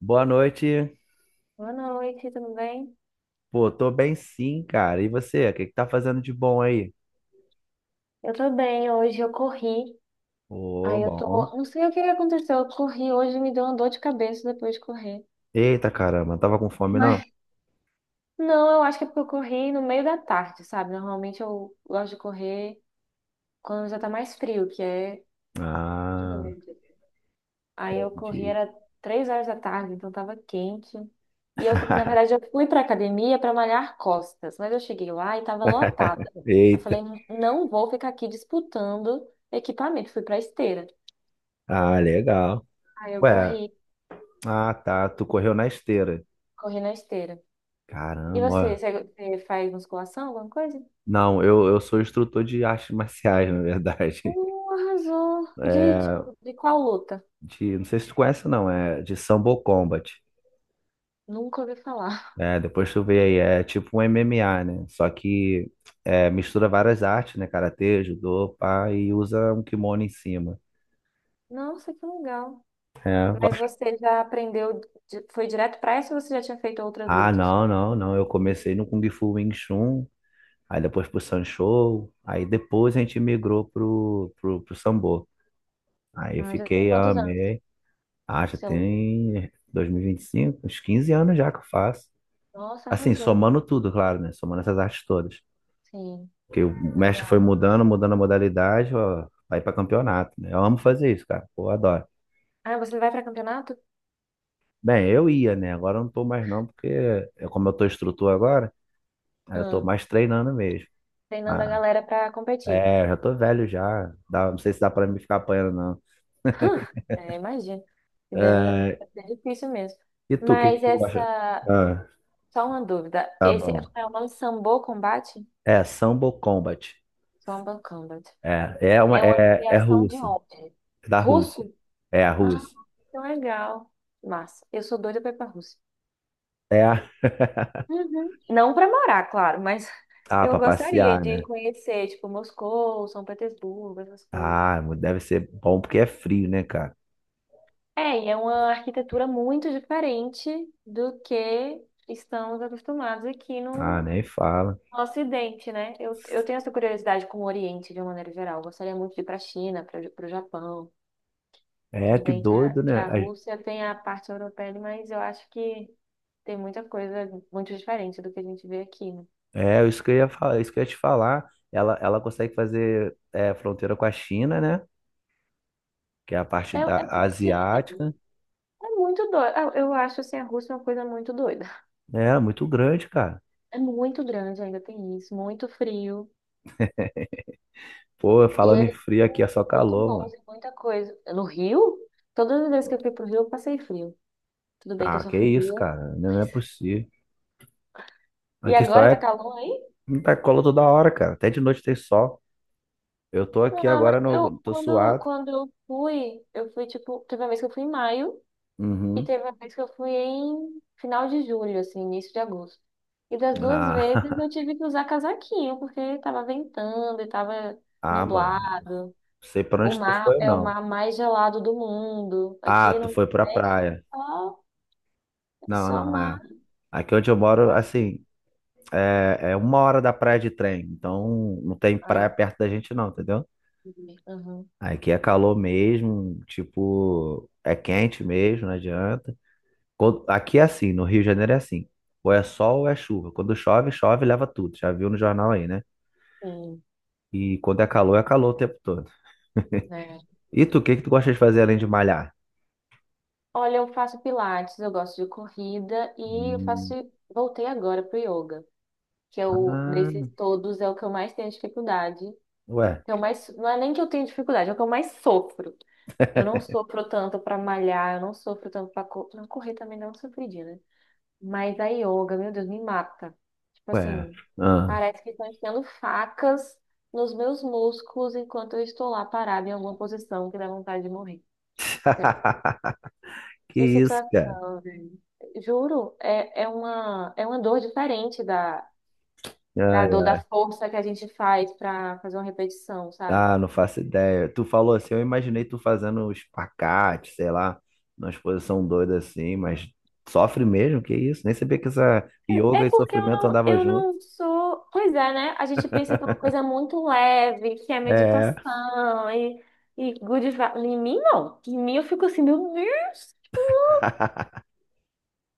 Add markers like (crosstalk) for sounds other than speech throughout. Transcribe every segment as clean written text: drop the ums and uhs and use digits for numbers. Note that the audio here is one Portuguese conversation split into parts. Boa noite. Boa noite, tudo bem? Pô, tô bem sim, cara. E você? O que que tá fazendo de bom aí? Eu tô bem, hoje eu corri. Ô, Aí eu bom. tô. Não sei o que que aconteceu. Eu corri hoje e me deu uma dor de cabeça depois de correr. Eita, caramba, tava com fome, não? Mas não, eu acho que é porque eu corri no meio da tarde, sabe? Normalmente eu gosto de correr quando já tá mais frio, que é de Ah, noite. Aí eu corri, entendi. era três horas da tarde, então tava quente. E eu, na verdade, eu (laughs) fui pra academia pra malhar costas, mas eu cheguei lá e tava lotada. Eu Eita. falei, não vou ficar aqui disputando equipamento. Fui pra esteira. Ah, legal. Ah, eu Ué, corri, ah, tá. Tu correu na esteira. corri na esteira. E Caramba, você, ó. você você faz musculação, alguma coisa? Não, eu sou instrutor de artes marciais, na verdade. (laughs) Arrasou. De, É, tipo, de qual luta? de, não sei se tu conhece, não. É de Sambo Combat. Nunca ouvi falar. É, depois tu vê aí, é tipo um MMA, né? Só que é, mistura várias artes, né? Karatê, judô, pá, e usa um kimono em cima. Nossa, que legal. É, eu Mas gosto. você já foi direto pra essa ou você já tinha feito outras Ah, lutas? Não. Eu comecei no Kung Fu Wing Chun, aí depois pro Sanshou, aí depois a gente migrou pro Sambo. Aí eu Ah, já tem fiquei, quantos anos amei. Ah, que já você luta? tem 2025, uns 15 anos já que eu faço. Nossa, Assim, arrasou. somando tudo, claro, né? Somando essas artes todas. Sim, Porque o mestre foi legal. mudando, mudando a modalidade, ó, vai para campeonato, né? Eu amo fazer isso, cara. Pô, eu adoro. Ah, você vai pra campeonato? Bem, eu ia, né? Agora eu não tô mais não, porque eu, como eu tô instrutor agora, aí eu tô Ah, mais treinando mesmo. treinando a Ah, galera pra competir. é, já tô velho já. Dá, não sei se dá para me ficar apanhando, não. (laughs) É, imagino que deve, É, deve ser difícil mesmo. e tu, o que que Mas tu acha? essa, Ah, Só uma dúvida. tá Esse, bom. como é o nome? Sambo Combat? É, Sambo Combat. Sambo Combat. É, É uma é criação de russa, onde? é da Rússia. Russo? É a Ah, russa. que legal. Massa. Eu sou doida pra ir pra Rússia. É a... (laughs) Uhum. Não pra morar, claro, mas (laughs) Ah, eu pra gostaria passear, de né? conhecer, tipo, Moscou, São Petersburgo, essas coisas. Ah, deve ser bom porque é frio, né, cara? É, e é uma arquitetura muito diferente do que estamos acostumados aqui Ah, no, nem fala. o Ocidente, né? Eu tenho essa curiosidade com o Oriente de uma maneira geral. Eu gostaria muito de ir para a China, para o Japão. É, Tudo que bem que a, doido, que né? a Rússia tem a parte europeia, mas eu acho que tem muita coisa muito diferente do que a gente vê aqui, né? É, isso que eu ia falar, isso que eu ia te falar. Ela consegue fazer é, fronteira com a China, né? Que é a parte É, da é porque é, asiática. é muito doido. Eu acho assim, a Rússia é uma coisa muito doida. É, muito grande, cara. É muito grande, ainda tem isso, muito frio. Pô, E falando em eles frio aqui é são só muito calor, bons mano. em muita coisa. No Rio, todas as vezes que eu fui pro Rio, eu passei frio. Tudo bem que eu Ah, sou que isso, fria. cara? Não é possível. E Aqui só agora tá é calor aí? muita cola toda hora, cara. Até de noite tem sol. Eu tô aqui Ah, mas agora, eu, no, tô quando, suado. quando eu fui, tipo, teve uma vez que eu fui em maio e Uhum. teve uma vez que eu fui em final de julho, assim, início de agosto. E das duas vezes Ah, eu (laughs) tive que usar casaquinho, porque tava ventando e tava ah, mano. nublado. Não sei pra O onde tu mar foi, é o não. mar mais gelado do mundo. Ah, Aqui tu no foi pra Nordeste praia. É Não, só não, mar. é. Aqui onde eu moro, assim, é uma hora da praia de trem. Então, não tem praia Ah, perto da gente, não, entendeu? entendi. Uhum, Aqui é calor mesmo, tipo, é quente mesmo, não adianta. Aqui é assim, no Rio de Janeiro é assim. Ou é sol ou é chuva. Quando chove, chove, e leva tudo. Já viu no jornal aí, né? sim, E quando é calor o tempo todo. né? E tu, o que que tu gosta de fazer além de malhar? Olha, eu faço pilates, eu gosto de corrida e eu Hum, faço, voltei agora pro yoga. Que eu, desses ah, todos, é o que eu mais tenho dificuldade. ué, Que eu mais, não é nem que eu tenho dificuldade, é o que eu mais sofro. Eu não sofro tanto pra malhar, eu não sofro tanto pra correr também, não sofri, né? Mas a yoga, meu Deus, me mata. Tipo ué. assim, Ah. parece que estão enfiando facas nos meus músculos enquanto eu estou lá parada em alguma posição que dá vontade de morrer. Sério. (laughs) Que Que isso, cara? situação, velho. Juro, é uma dor diferente da Ai, dor, da força que a gente faz pra fazer uma repetição, sabe? ah, não faço ideia. Tu falou assim, eu imaginei tu fazendo um espacate, sei lá, numa exposição doida assim, mas sofre mesmo, que isso? Nem sabia que essa É yoga e porque sofrimento andavam eu junto. não sou. Pois é, né? A gente pensa que é uma coisa muito leve, que é É. meditação e good vibes. Em mim, não. Em mim, eu fico assim, meu Deus. (laughs)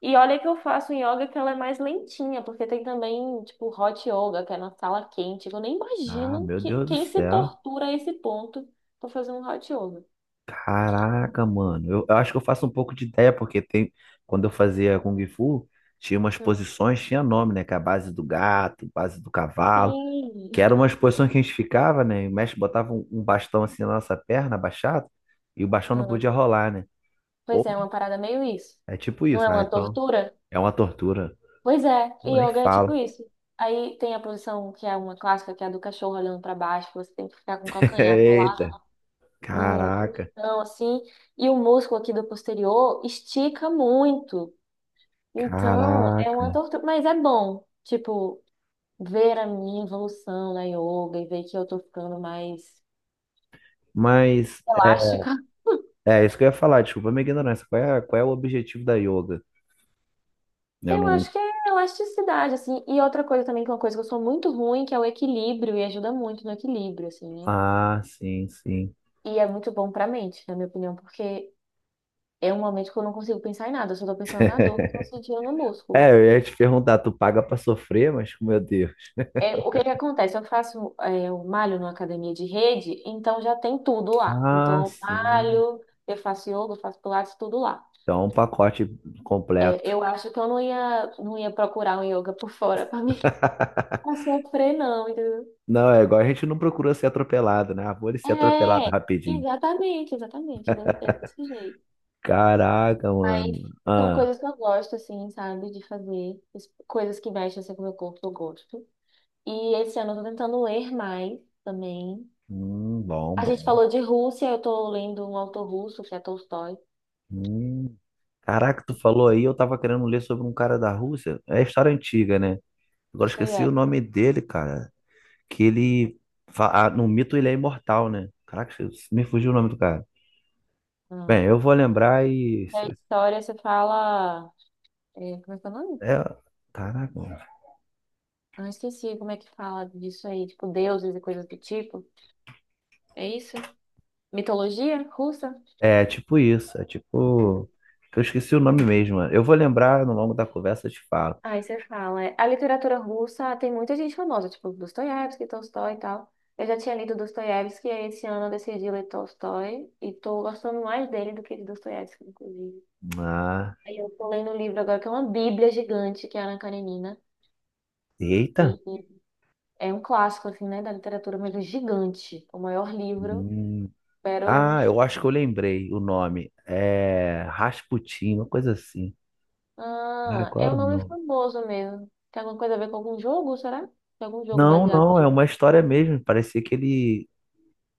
E olha que eu faço um yoga que ela é mais lentinha, porque tem também, tipo, hot yoga, que é na sala quente. Eu nem Ah, imagino meu que, Deus do quem se céu. tortura a esse ponto pra fazer um hot yoga. Caraca, mano. Eu, acho que eu faço um pouco de ideia, porque tem, quando eu fazia Kung Fu, tinha umas Hum. posições, tinha nome, né? Que é a base do gato, base do cavalo. Sim. Que eram umas posições que a gente ficava, né? E o mestre botava um bastão assim na nossa perna, abaixado, e o bastão não Hum. podia rolar, né? Pois é, Porra, é uma parada meio isso. é tipo Não é isso. Ah, uma então tortura? é uma tortura. Pois é, Pô, e nem yoga é tipo fala. isso. Aí tem a posição que é uma clássica, que é a do cachorro olhando pra baixo, que você tem que ficar com o (laughs) calcanhar Eita, colado no caraca, chão, assim, e o músculo aqui do posterior estica muito. Então, é caraca. uma tortura, mas é bom, tipo, ver a minha evolução na yoga e ver que eu tô ficando mais Mas é elástica. (laughs) Isso que eu ia falar, desculpa a minha ignorância. Qual é o objetivo da yoga? Eu Eu não. acho que é elasticidade, assim. E outra coisa também, que é uma coisa que eu sou muito ruim, que é o equilíbrio, e ajuda muito no equilíbrio, assim, né? Ah, sim, sim. E é muito bom pra mente, na minha opinião, porque é um momento que eu não consigo pensar em nada, eu só tô pensando na dor que eu tô (laughs) sentindo no músculo. É, eu ia te perguntar, tu paga pra sofrer, mas meu Deus. É, o que que acontece? Eu faço, é, eu malho numa academia de rede, então já tem tudo lá. Ah, Então eu sim. malho, eu faço yoga, eu faço pilates, tudo lá. Então, um pacote completo. É, eu acho que eu não ia procurar um yoga por fora pra mim (laughs) pra sofrer, não, entendeu? Não, é igual a gente não procura ser atropelado, né? Ah, vou ele ser atropelado É, rapidinho. exatamente, exatamente, é desse jeito. Caraca, Mas mano. são Ah, coisas que eu gosto, assim, sabe, de fazer. Coisas que mexem assim, com o meu corpo, eu gosto. E esse ano eu tô tentando ler mais também. Bom, A gente bom. falou de Rússia, eu tô lendo um autor russo, que é Tolstói. Hum. Caraca, tu falou aí, eu tava querendo ler sobre um cara da Rússia. É história antiga, né? Agora esqueci o Dostoiévski. nome dele, cara. Que ele fa- ah, no mito ele é imortal, né? Caraca, me fugiu o nome do cara. Ah. Bem, eu vou lembrar e. E a história, você fala, é, como é que é o nome? É... Caraca, mano. Ah, esqueci como é que fala disso aí. Tipo, deuses e coisas do tipo. É isso? Mitologia russa? É tipo isso. É tipo. Eu esqueci o nome mesmo, mano. Eu vou lembrar no longo da conversa, eu te falo. Aí você fala, é, a literatura russa tem muita gente famosa, tipo Dostoiévski, Tolstói e tal. Eu já tinha lido Dostoiévski e aí esse ano eu decidi ler Tolstói e tô gostando mais dele do que de Dostoiévski, inclusive. Ah, Aí eu tô lendo um livro agora que é uma bíblia gigante, que é Ana Karenina. E, eita. e é um clássico, assim, né, da literatura, mas é gigante. O maior livro, Hum. pero... Ah, eu acho que eu lembrei o nome. É Rasputin, uma coisa assim. Ah, Ah, qual é era um o nome nome? famoso mesmo. Tem alguma coisa a ver com algum jogo, será? Tem algum jogo Não, baseado não, é nisso? uma história mesmo. Parecia que ele.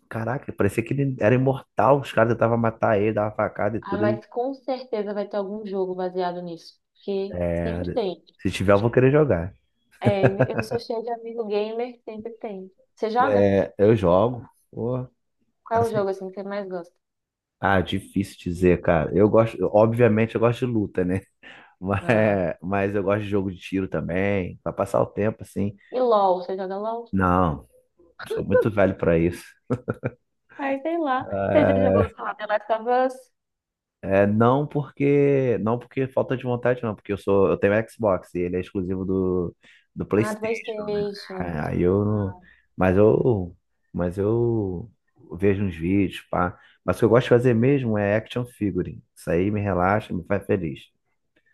Caraca, parecia que ele era imortal. Os caras tentavam matar ele, dava facada e Ah, tudo. Ele... mas com certeza vai ter algum jogo baseado nisso, porque É, sempre tem. se tiver, eu vou querer jogar. É, eu sou cheia de amigo gamer, sempre tem. Você joga? É, eu jogo. Pô, Qual é o assim. jogo assim que você mais gosta? Ah, difícil dizer, cara. Eu gosto, obviamente, eu gosto de luta, né? (laughs) Ah, Mas eu gosto de jogo de tiro também, pra passar o tempo, assim. e LOL, você joga LOL? Não, sou muito velho para isso. Ah, sei lá. Você já jogou, sei lá, The Last of Us? Não porque falta de vontade, não, porque eu tenho Xbox e ele é exclusivo do, do Ah, PlayStation, né? PlayStation. É, aí eu não, Ah, mas eu mas eu vejo uns vídeos, pá. Mas o que eu gosto de fazer mesmo é action figure. Isso aí me relaxa, me faz feliz.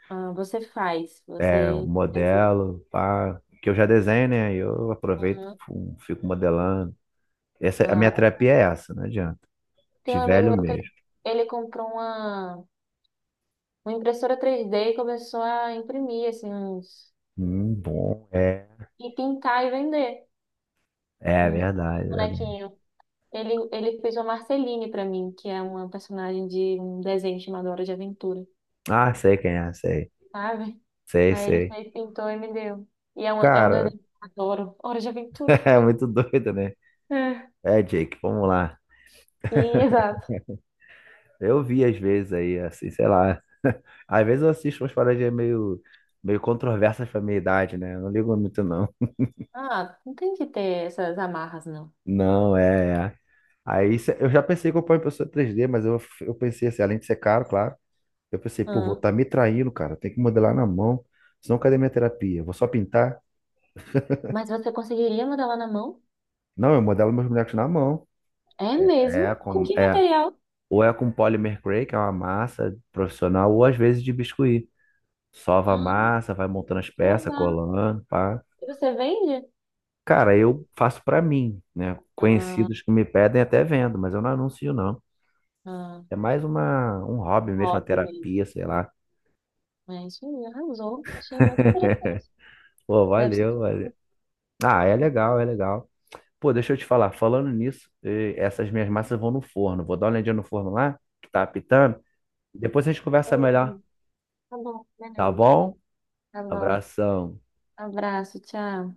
ah, você faz, É um você... Quer dizer, modelo, pá, que eu já desenho, né? Aí eu aproveito, aham. Fico modelando. Essa, a minha Ah, terapia é essa, não adianta. tem De um amigo velho meu que ele, mesmo. ele comprou uma impressora 3D e começou a imprimir, assim, uns... Bom. É. E pintar e vender. É Um verdade, é verdade. bonequinho. Ele fez uma Marceline pra mim, que é uma personagem de um desenho chamado Hora de Aventura, Ah, sei quem é, sei. sabe? Sei, Aí ele sei. fez, pintou e me deu. E é um Cara, desenho que eu adoro. Hora de (laughs) Aventura. é muito doido, né? É. É, Jake, vamos lá. E, exato. (laughs) Eu vi às vezes aí, assim, sei lá. (laughs) Às vezes eu assisto umas paradinhas meio, meio controversas pra minha idade, né? Eu não ligo muito, não. Ah, não tem que ter essas amarras, não. Não, é, é. Eu já pensei que eu ponho impressora 3D, mas eu, pensei assim, além de ser caro, claro, eu pensei, pô, vou Ah, estar me traindo, cara. Tem que modelar na mão. Senão cadê minha terapia? Vou só pintar? mas você conseguiria modelar na mão? Não, eu modelo meus bonecos na mão. É mesmo? Com que É. material? Ou é com polymer cray, que é uma massa profissional, ou às vezes de biscuit. Sova a Ah, massa, vai montando as que peças, legal. colando, pá. E você vende? Cara, eu faço pra mim, né? Ah, Conhecidos que me pedem até vendo, mas eu não anuncio não. ah, É mais uma, um hobby um mesmo, uma hobby mesmo. terapia, sei lá. É isso aí, arrasou. Achei muito (laughs) interessante. Pô, Deve ser valeu, valeu. difícil, Ah, é né? legal, é legal. Pô, deixa eu te falar, falando nisso, eh, essas minhas massas vão no forno. Vou dar uma olhadinha no forno lá, que tá apitando. Depois a gente conversa melhor, Beleza. Tá bom, tá beleza. bom? Tá bom. Abração. Abraço, tchau.